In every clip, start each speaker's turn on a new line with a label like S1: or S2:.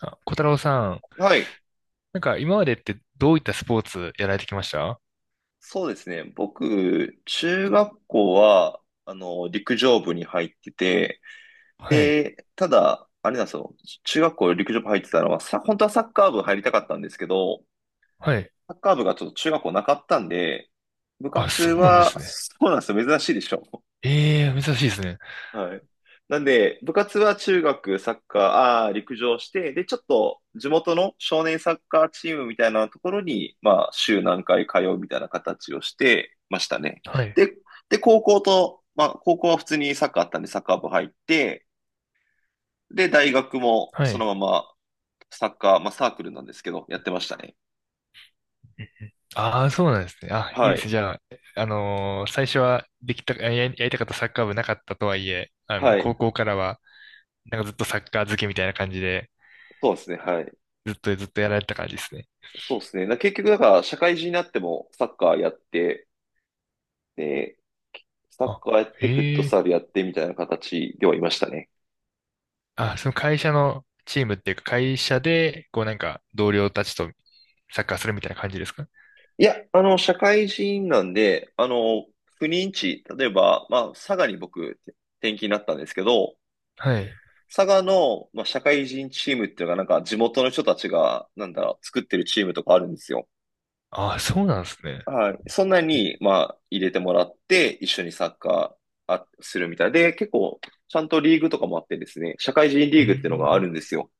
S1: あ、小太郎さん、
S2: はい。
S1: なんか今までってどういったスポーツやられてきました？
S2: そうですね。僕、中学校は、陸上部に入ってて、
S1: はい、
S2: で、ただ、あれなんですよ。中学校陸上部入ってたのは、本当はサッカー部入りたかったんですけど、
S1: はい。
S2: サッカー部がちょっと中学校なかったんで、部
S1: あ、
S2: 活
S1: そうなんで
S2: は、
S1: すね。
S2: そうなんですよ。珍しいでしょ。
S1: ええ、珍しいですね。
S2: はい。なんで、部活は中学サッカー、陸上して、で、ちょっと地元の少年サッカーチームみたいなところに、まあ、週何回通うみたいな形をしてましたね。
S1: はい、
S2: で、で、高校と、まあ、高校は普通にサッカーあったんで、サッカー部入って、で、大学も
S1: は
S2: その
S1: い。
S2: ままサッカー、まあ、サークルなんですけど、やってましたね。
S1: ああ、そうなんですね。あ、いい
S2: は
S1: ですね。
S2: い。
S1: じゃあ、最初はできた、や、やりたかったサッカー部なかったとはいえ、
S2: はい。
S1: 高校からは、なんかずっとサッカー漬けみたいな感じで、
S2: そうですね。はい。
S1: ずっとずっとやられてた感じですね。
S2: そうですね。結局、だから、社会人になってもサッカーやって、で、サッカーやって、フットサ
S1: あ、ええ、
S2: ルやってみたいな形ではいましたね。
S1: あ、その会社のチームっていうか、会社で、こうなんか同僚たちとサッカーするみたいな感じですか？
S2: いや、社会人なんで、不妊地、例えば、まあ、佐賀に僕、転勤になったんですけど、
S1: はい。
S2: 佐賀の、まあ、社会人チームっていうのが、なんか地元の人たちが、なんだろう、作ってるチームとかあるんですよ。
S1: あ、そうなんですね。
S2: はい。そんなに、まあ、入れてもらって、一緒にサッカーするみたいで、結構、ちゃんとリーグとかもあってですね、社会人
S1: う
S2: リーグっていうのがある
S1: ん。
S2: んですよ。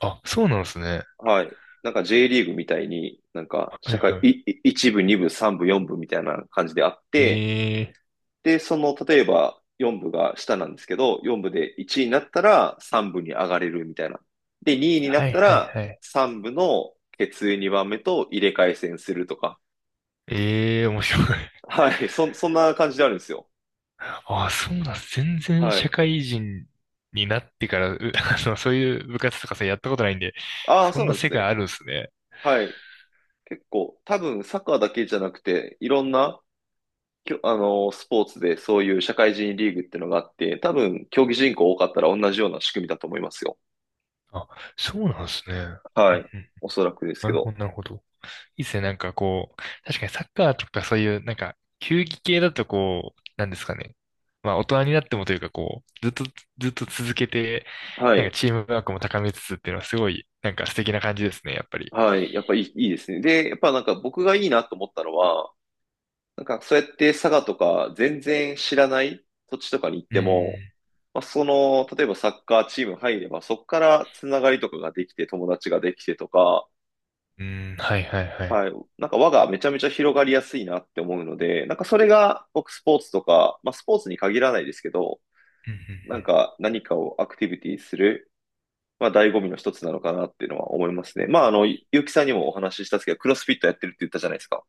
S1: あ、そうなんですね。
S2: はい。なんか J リーグみたいに、なんか
S1: は
S2: 社
S1: い
S2: 会、
S1: はい。
S2: 一部、二部、三部、四部みたいな感じであって、
S1: ええ、
S2: で、その、例えば四部が下なんですけど、四部で1位になったら三部に上がれるみたいな。で、2位にな
S1: は
S2: っ
S1: い
S2: た
S1: はい
S2: ら
S1: はい。
S2: 三部の決意2番目と入れ替え戦するとか。
S1: ええ、面白い。
S2: はい。そんな感じであるんですよ。
S1: あ、そうなんです。全然
S2: はい。
S1: 社会人になってから、そういう部活とかさ、やったことないんで、
S2: ああ、
S1: そ
S2: そう
S1: ん
S2: な
S1: な
S2: んです
S1: 世界
S2: ね。
S1: あるんですね。
S2: はい。結構、多分サッカーだけじゃなくて、いろんなきょ、あの、スポーツでそういう社会人リーグっていうのがあって、多分競技人口多かったら同じような仕組みだと思いますよ。
S1: あ、そうなんですね。う
S2: は
S1: ん
S2: い。
S1: うん。
S2: おそらくです
S1: な
S2: け
S1: る
S2: ど。
S1: ほど、なるほど。いいっすね。なんかこう、確かにサッカーとかそういう、なんか、球技系だとこう、なんですかね。まあ、大人になってもというかこう、ずっと、ずっと続けて、
S2: は
S1: なん
S2: い。
S1: かチームワークも高めつつっていうのはすごい、なんか素敵な感じですね、やっぱり。
S2: はい。やっぱいい、いいですね。で、やっぱなんか僕がいいなと思ったのは、なんかそうやって佐賀とか全然知らない土地とかに行っ
S1: うー
S2: ても、
S1: ん、
S2: まあ、その、例えばサッカーチーム入れば、そこからつながりとかができて、友達ができてとか、
S1: うーん、はいはいはい。
S2: はい。なんか輪がめちゃめちゃ広がりやすいなって思うので、なんかそれが僕スポーツとか、まあスポーツに限らないですけど、
S1: うんうんうん、
S2: なんか何かをアクティビティする、まあ醍醐味の一つなのかなっていうのは思いますね。まあゆうきさんにもお話ししたんですけど、クロスフィットやってるって言ったじゃないですか。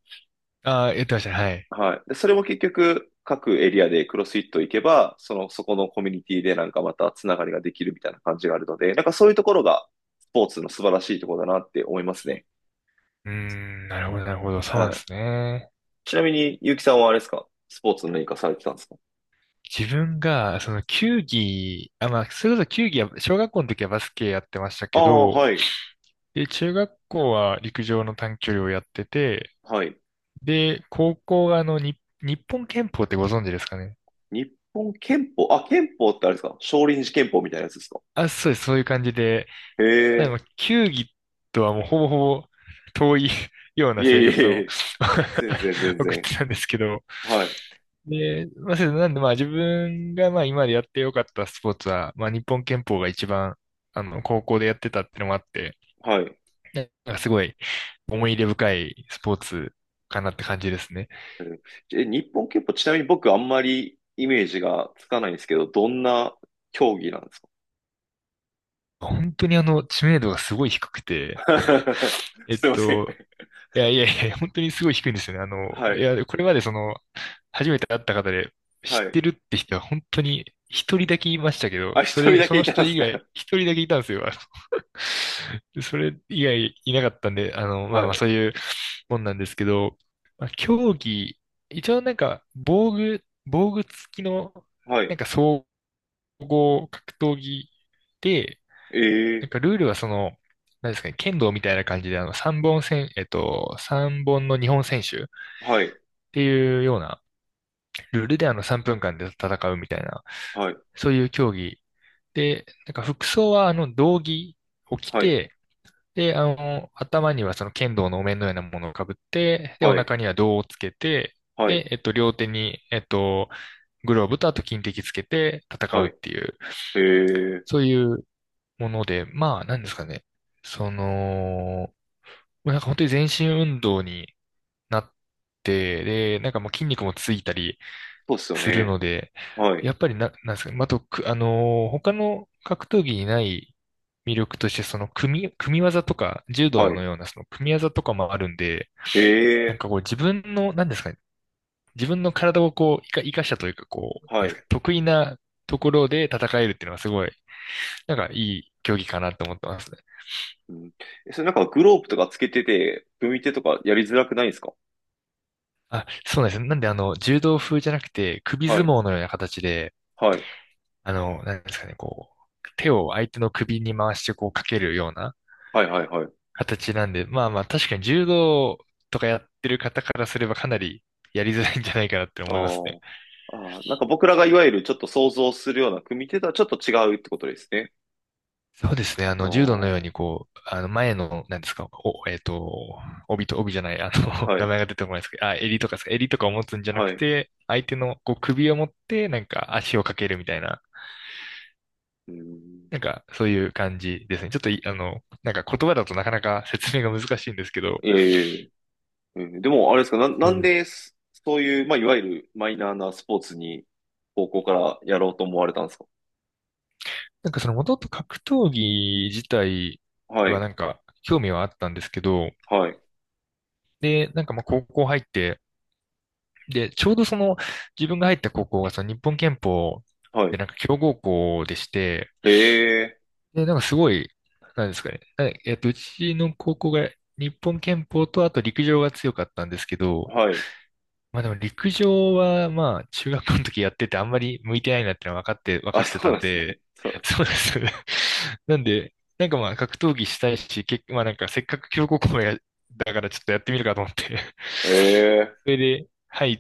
S1: ああ、言ってましたね、はい。
S2: はい。で、それも結局各エリアでクロスフィット行けば、その、そこのコミュニティでなんかまたつながりができるみたいな感じがあるので、なんかそういうところがスポーツの素晴らしいところだなって思いますね。
S1: うーん、なるほど、なるほど、そう
S2: は
S1: なんで
S2: い。
S1: すね。
S2: ちなみに、ゆうきさんはあれですか、スポーツの何かされてたんですか？
S1: 自分が、その球技、あ、まあ、それこそ球技は、小学校の時はバスケやってました
S2: あ
S1: け
S2: あ、
S1: ど、
S2: はい。
S1: で、中学校は陸上の短距離をやってて、
S2: はい。
S1: で、高校がに日本拳法ってご存知ですかね？
S2: 日本憲法、あ、憲法ってあれですか、少林寺憲法みたいなやつですか？
S1: あ、そうです、そういう感じで、
S2: へ
S1: なの
S2: え。
S1: で、球技とはもうほぼほぼ遠い よう
S2: い
S1: な
S2: え
S1: 生
S2: いえ
S1: 活
S2: い
S1: を
S2: え。全然 全
S1: 送っ
S2: 然。
S1: てたんですけど、
S2: はい。
S1: で、まあ、そうですなんで、まあ、自分が、まあ、今までやってよかったスポーツは、まあ、日本拳法が一番、高校でやってたってのもあって、
S2: はい。
S1: なんかすごい思い入れ深いスポーツかなって感じですね。
S2: うん。え、日本憲法、ちなみに僕あんまりイメージがつかないんですけど、どんな競技なんですか？
S1: 本当に知名度がすごい低くて、えっ
S2: すいません。
S1: と、いやいやいや、本当にすごい低いんですよね。
S2: は
S1: い
S2: い。
S1: や、これまで初めて会った方で
S2: は
S1: 知っ
S2: い。
S1: てるって人は本当に一人だけいましたけど、
S2: あ、一人だ
S1: そ
S2: け
S1: の
S2: いたん
S1: 人
S2: です
S1: 以
S2: か？
S1: 外、一人だけいたんですよ。それ以外いなかったんで、まあ
S2: は
S1: まあ
S2: い。
S1: そういうもんなんですけど、まあ、競技、一応なんか防具付きの、
S2: は
S1: なん
S2: い。
S1: か総合格闘技で、
S2: え
S1: なん
S2: え。
S1: かルールは何ですかね、剣道みたいな感じで、3本戦、三本の日本選手っ
S2: はい。
S1: ていうようなルールで、3分間で戦うみたいな、
S2: はい。
S1: そういう競技。で、なんか服装は、道着を着
S2: はい。
S1: て、で、頭にはその剣道のお面のようなものをかぶって、で、お
S2: はい。
S1: 腹には胴をつけて、
S2: はい。
S1: で、両手に、グローブとあと金敵つけて戦う
S2: は
S1: っ
S2: い。
S1: ていう、
S2: ええ。
S1: そういうもので、まあ、なんですかね。その、もうなんか本当に全身運動になって、で、なんかもう筋肉もついたり
S2: そうっすよ
S1: する
S2: ね。
S1: ので、
S2: はい。
S1: やっぱりな、なんですかね、まああと、く、あのー他の格闘技にない魅力として、その組み技とか、柔
S2: は
S1: 道
S2: い。
S1: のようなその組み技とかもあるんで、
S2: え
S1: なん
S2: え。
S1: かこう自分の、なんですかね、自分の体をこう、生かしたというか、こう、
S2: は
S1: なんです
S2: い。
S1: かね、得意なところで戦えるっていうのはすごい、なんかいい競技かなと思ってますね。
S2: うん。え、それなんかグローブとかつけてて、組み手とかやりづらくないですか？
S1: あ、そうなんですね。なんで柔道風じゃなくて、首
S2: は
S1: 相
S2: い。
S1: 撲のような形で、
S2: はい。
S1: あの、なんですかね、こう、手を相手の首に回してこうかけるような
S2: はいはいはい。
S1: 形なんで、まあまあ確かに柔道とかやってる方からすればかなりやりづらいんじゃないかなって
S2: あ
S1: 思いますね。
S2: ー、あー、なんか僕らがいわゆるちょっと想像するような組み手とはちょっと違うってことですね。
S1: そうですね、
S2: ああ、
S1: 柔道のよう
S2: は
S1: にこう、前の、なんですか、お、えっと、帯と帯じゃない、名
S2: い。
S1: 前が出てこないですけど、あ、襟とかですか、襟とかを持つんじゃな
S2: は
S1: く
S2: い。
S1: て、相手のこう首を持って、なんか足をかけるみたいな、
S2: うん。
S1: なんかそういう感じですね。ちょっとい、あの、なんか言葉だとなかなか説明が難しいんですけど、
S2: ええ、ええ、でもあれですか、なんでそういう、まあ、いわゆるマイナーなスポーツに高校からやろうと思われたんですか？
S1: なんかその元々格闘技自体
S2: は
S1: は
S2: い。
S1: なんか興味はあったんですけど、
S2: はい。
S1: で、なんかまあ高校入って、で、ちょうどその自分が入った高校がその日本拳法
S2: は
S1: で
S2: い。
S1: なんか強豪校でして、
S2: ええ。
S1: で、なんかすごい、なんですかね、なえっと、うちの高校が日本拳法とあと陸上が強かったんですけど、
S2: はい。
S1: まあでも陸上はまあ中学校の時やっててあんまり向いてないなってのは分か
S2: あ、
S1: って
S2: そう
S1: た
S2: なん
S1: ん
S2: ですね。
S1: で、
S2: そうなん で
S1: そ
S2: す。
S1: うです。なんで、なんかまあ格闘技したいし、まあなんかせっかく強豪校や、だからちょっとやってみるかと思って、
S2: ええ。
S1: それで入っ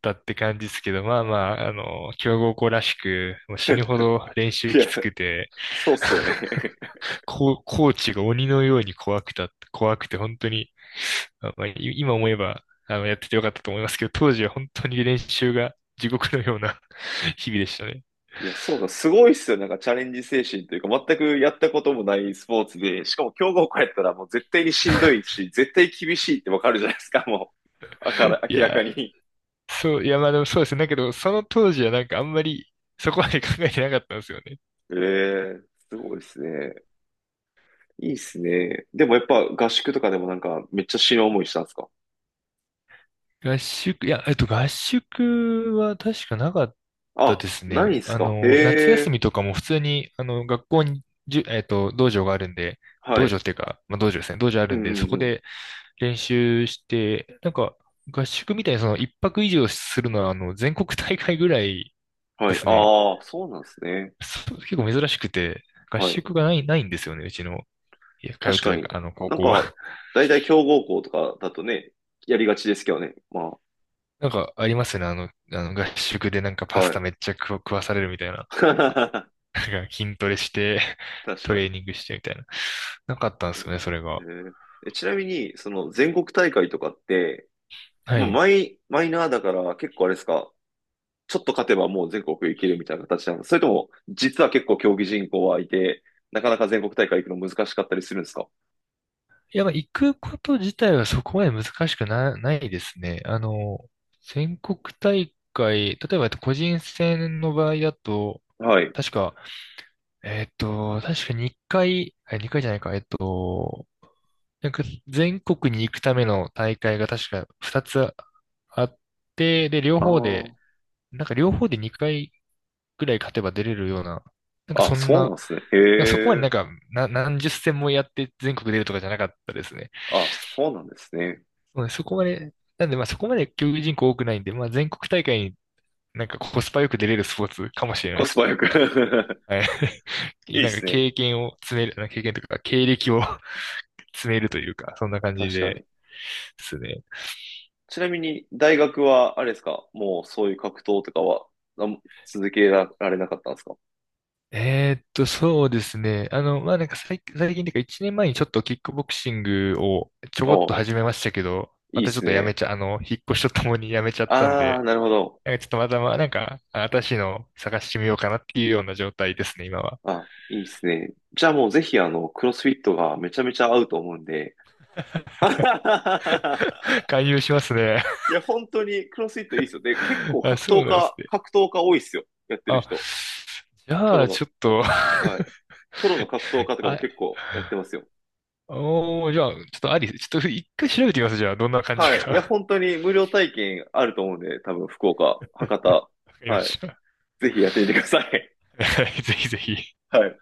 S1: たって感じですけど、まあまあ、強豪校らしく、もう死ぬほど練習
S2: いや、
S1: きつくて、
S2: そうっすよね。
S1: コーチが鬼のように怖くて本当に、あまあ、い今思えば、やっててよかったと思いますけど、当時は本当に練習が地獄のような 日々でしたね。
S2: いや、そうだ、すごいっすよ。なんかチャレンジ精神というか、全くやったこともないスポーツで、しかも強豪校やったらもう絶対にしんどいし、絶対厳しいってわかるじゃないですか、もう。あか
S1: い
S2: ら、明らか
S1: や
S2: に。
S1: ー、そう、いや、まあでもそうですね。だけど、その当時はなんかあんまりそこまで考えてなかったんですよね。
S2: ええ。すごいっすね。いいっすね。でもやっぱ合宿とかでもなんかめっちゃ死ぬ思いしたんですか？
S1: 合宿、いや、合宿は確かなかった
S2: あ、
S1: です
S2: ないん
S1: ね。
S2: すか、へ
S1: 夏休
S2: え、
S1: みとかも普通に、学校に、じゅ、えっと、道場があるんで、
S2: は
S1: 道場
S2: い。
S1: っていうか、まあ、道場ですね。道場あ
S2: う
S1: るんで、
S2: ん
S1: そ
S2: うんう
S1: こ
S2: ん。
S1: で、練習して、なんか合宿みたいにその一泊以上するのはあの全国大会ぐらいで
S2: はい。
S1: すね。
S2: ああ、そうなんですね。
S1: そう結構珍しくて、合
S2: はい。
S1: 宿がないんですよね、うちの、いや通っ
S2: 確か
S1: て
S2: に。
S1: たあの高
S2: なん
S1: 校
S2: か、
S1: は。
S2: 大体強豪校とかだとね、やりがちですけどね。ま
S1: なんかありますよね、あの合宿でなんか
S2: あ、
S1: パス
S2: は
S1: タ
S2: い。
S1: めっちゃ食わされるみたいな。なんか筋トレして、
S2: 確
S1: ト
S2: かに。
S1: レーニングしてみたいな。なかったんですよね、それが。
S2: えー、えちなみに、その全国大会とかって、
S1: は
S2: もう
S1: い。
S2: マイナーだから結構あれですか、ちょっと勝てばもう全国行けるみたいな形なんですか、それとも、実は結構競技人口はいて、なかなか全国大会行くの難しかったりするんですか？
S1: いや、まあ行くこと自体はそこまで難しくな、ないですね。全国大会、例えば個人戦の場合だと、
S2: はい。
S1: 確か、えっと、確か2回、あ回じゃないか、なんか全国に行くための大会が確か2つあって、で、両
S2: あ
S1: 方で、なんか両方で2回ぐらい勝てば出れるような、なんか
S2: あ。あ、
S1: そん
S2: そうな
S1: な、
S2: んですね。
S1: なんかそこ
S2: へ
S1: まで
S2: え。
S1: なんか、何十戦もやって全国出るとかじゃなかったですね。
S2: あ、そうなんですね。
S1: そうねそこまで、なんでまあそこまで競技人口多くないんで、まあ全国大会になんかコスパよく出れるスポーツかもしれない
S2: コ
S1: で
S2: ス
S1: す。
S2: パよく。
S1: はい。
S2: い いで
S1: なんか
S2: すね。
S1: 経験を詰める、なんか経験というか経歴を 詰めるというか、そんな感じ
S2: 確
S1: で
S2: か
S1: で
S2: に。
S1: すね。
S2: ちなみに、大学は、あれですか、もうそういう格闘とかは、あん続けられなかったんですか？
S1: そうですね。まあなんか最近というか1年前にちょっとキックボクシングをちょ
S2: あ
S1: こっと
S2: あ、
S1: 始めましたけど、
S2: い
S1: ま
S2: いっ
S1: たちょ
S2: す
S1: っとやめ
S2: ね。
S1: ちゃ、あの、引っ越しとともに やめちゃったん
S2: ああ、
S1: で、
S2: なるほど。
S1: なんかちょっとまたまあなんか新しいのを探してみようかなっていうような状態ですね、今は。
S2: あ、いいっすね。じゃあもうぜひ、あの、クロスフィットがめちゃめちゃ合うと思うんで。
S1: 勧誘しますね。
S2: いや、本当にクロスフィットいいっすよ。で、結構
S1: あ、
S2: 格
S1: そ
S2: 闘
S1: うなんです
S2: 家、
S1: ね。
S2: 格闘家多いっすよ。やってる
S1: あ、
S2: 人。
S1: じ
S2: プ
S1: ゃ
S2: ロ
S1: あ、
S2: の、
S1: ちょっと
S2: はい。プロの格闘 家とかも
S1: あ、
S2: 結構やってますよ。
S1: おー、じゃあ、ちょっと一回調べてみます。じゃあ、どんな感じ
S2: はい。いや、
S1: か。
S2: 本当に無料体験あると思うんで、多分、福岡、博多、
S1: わかりま
S2: はい。
S1: した。
S2: ぜひやってみてください。
S1: ぜひぜひ。
S2: はい。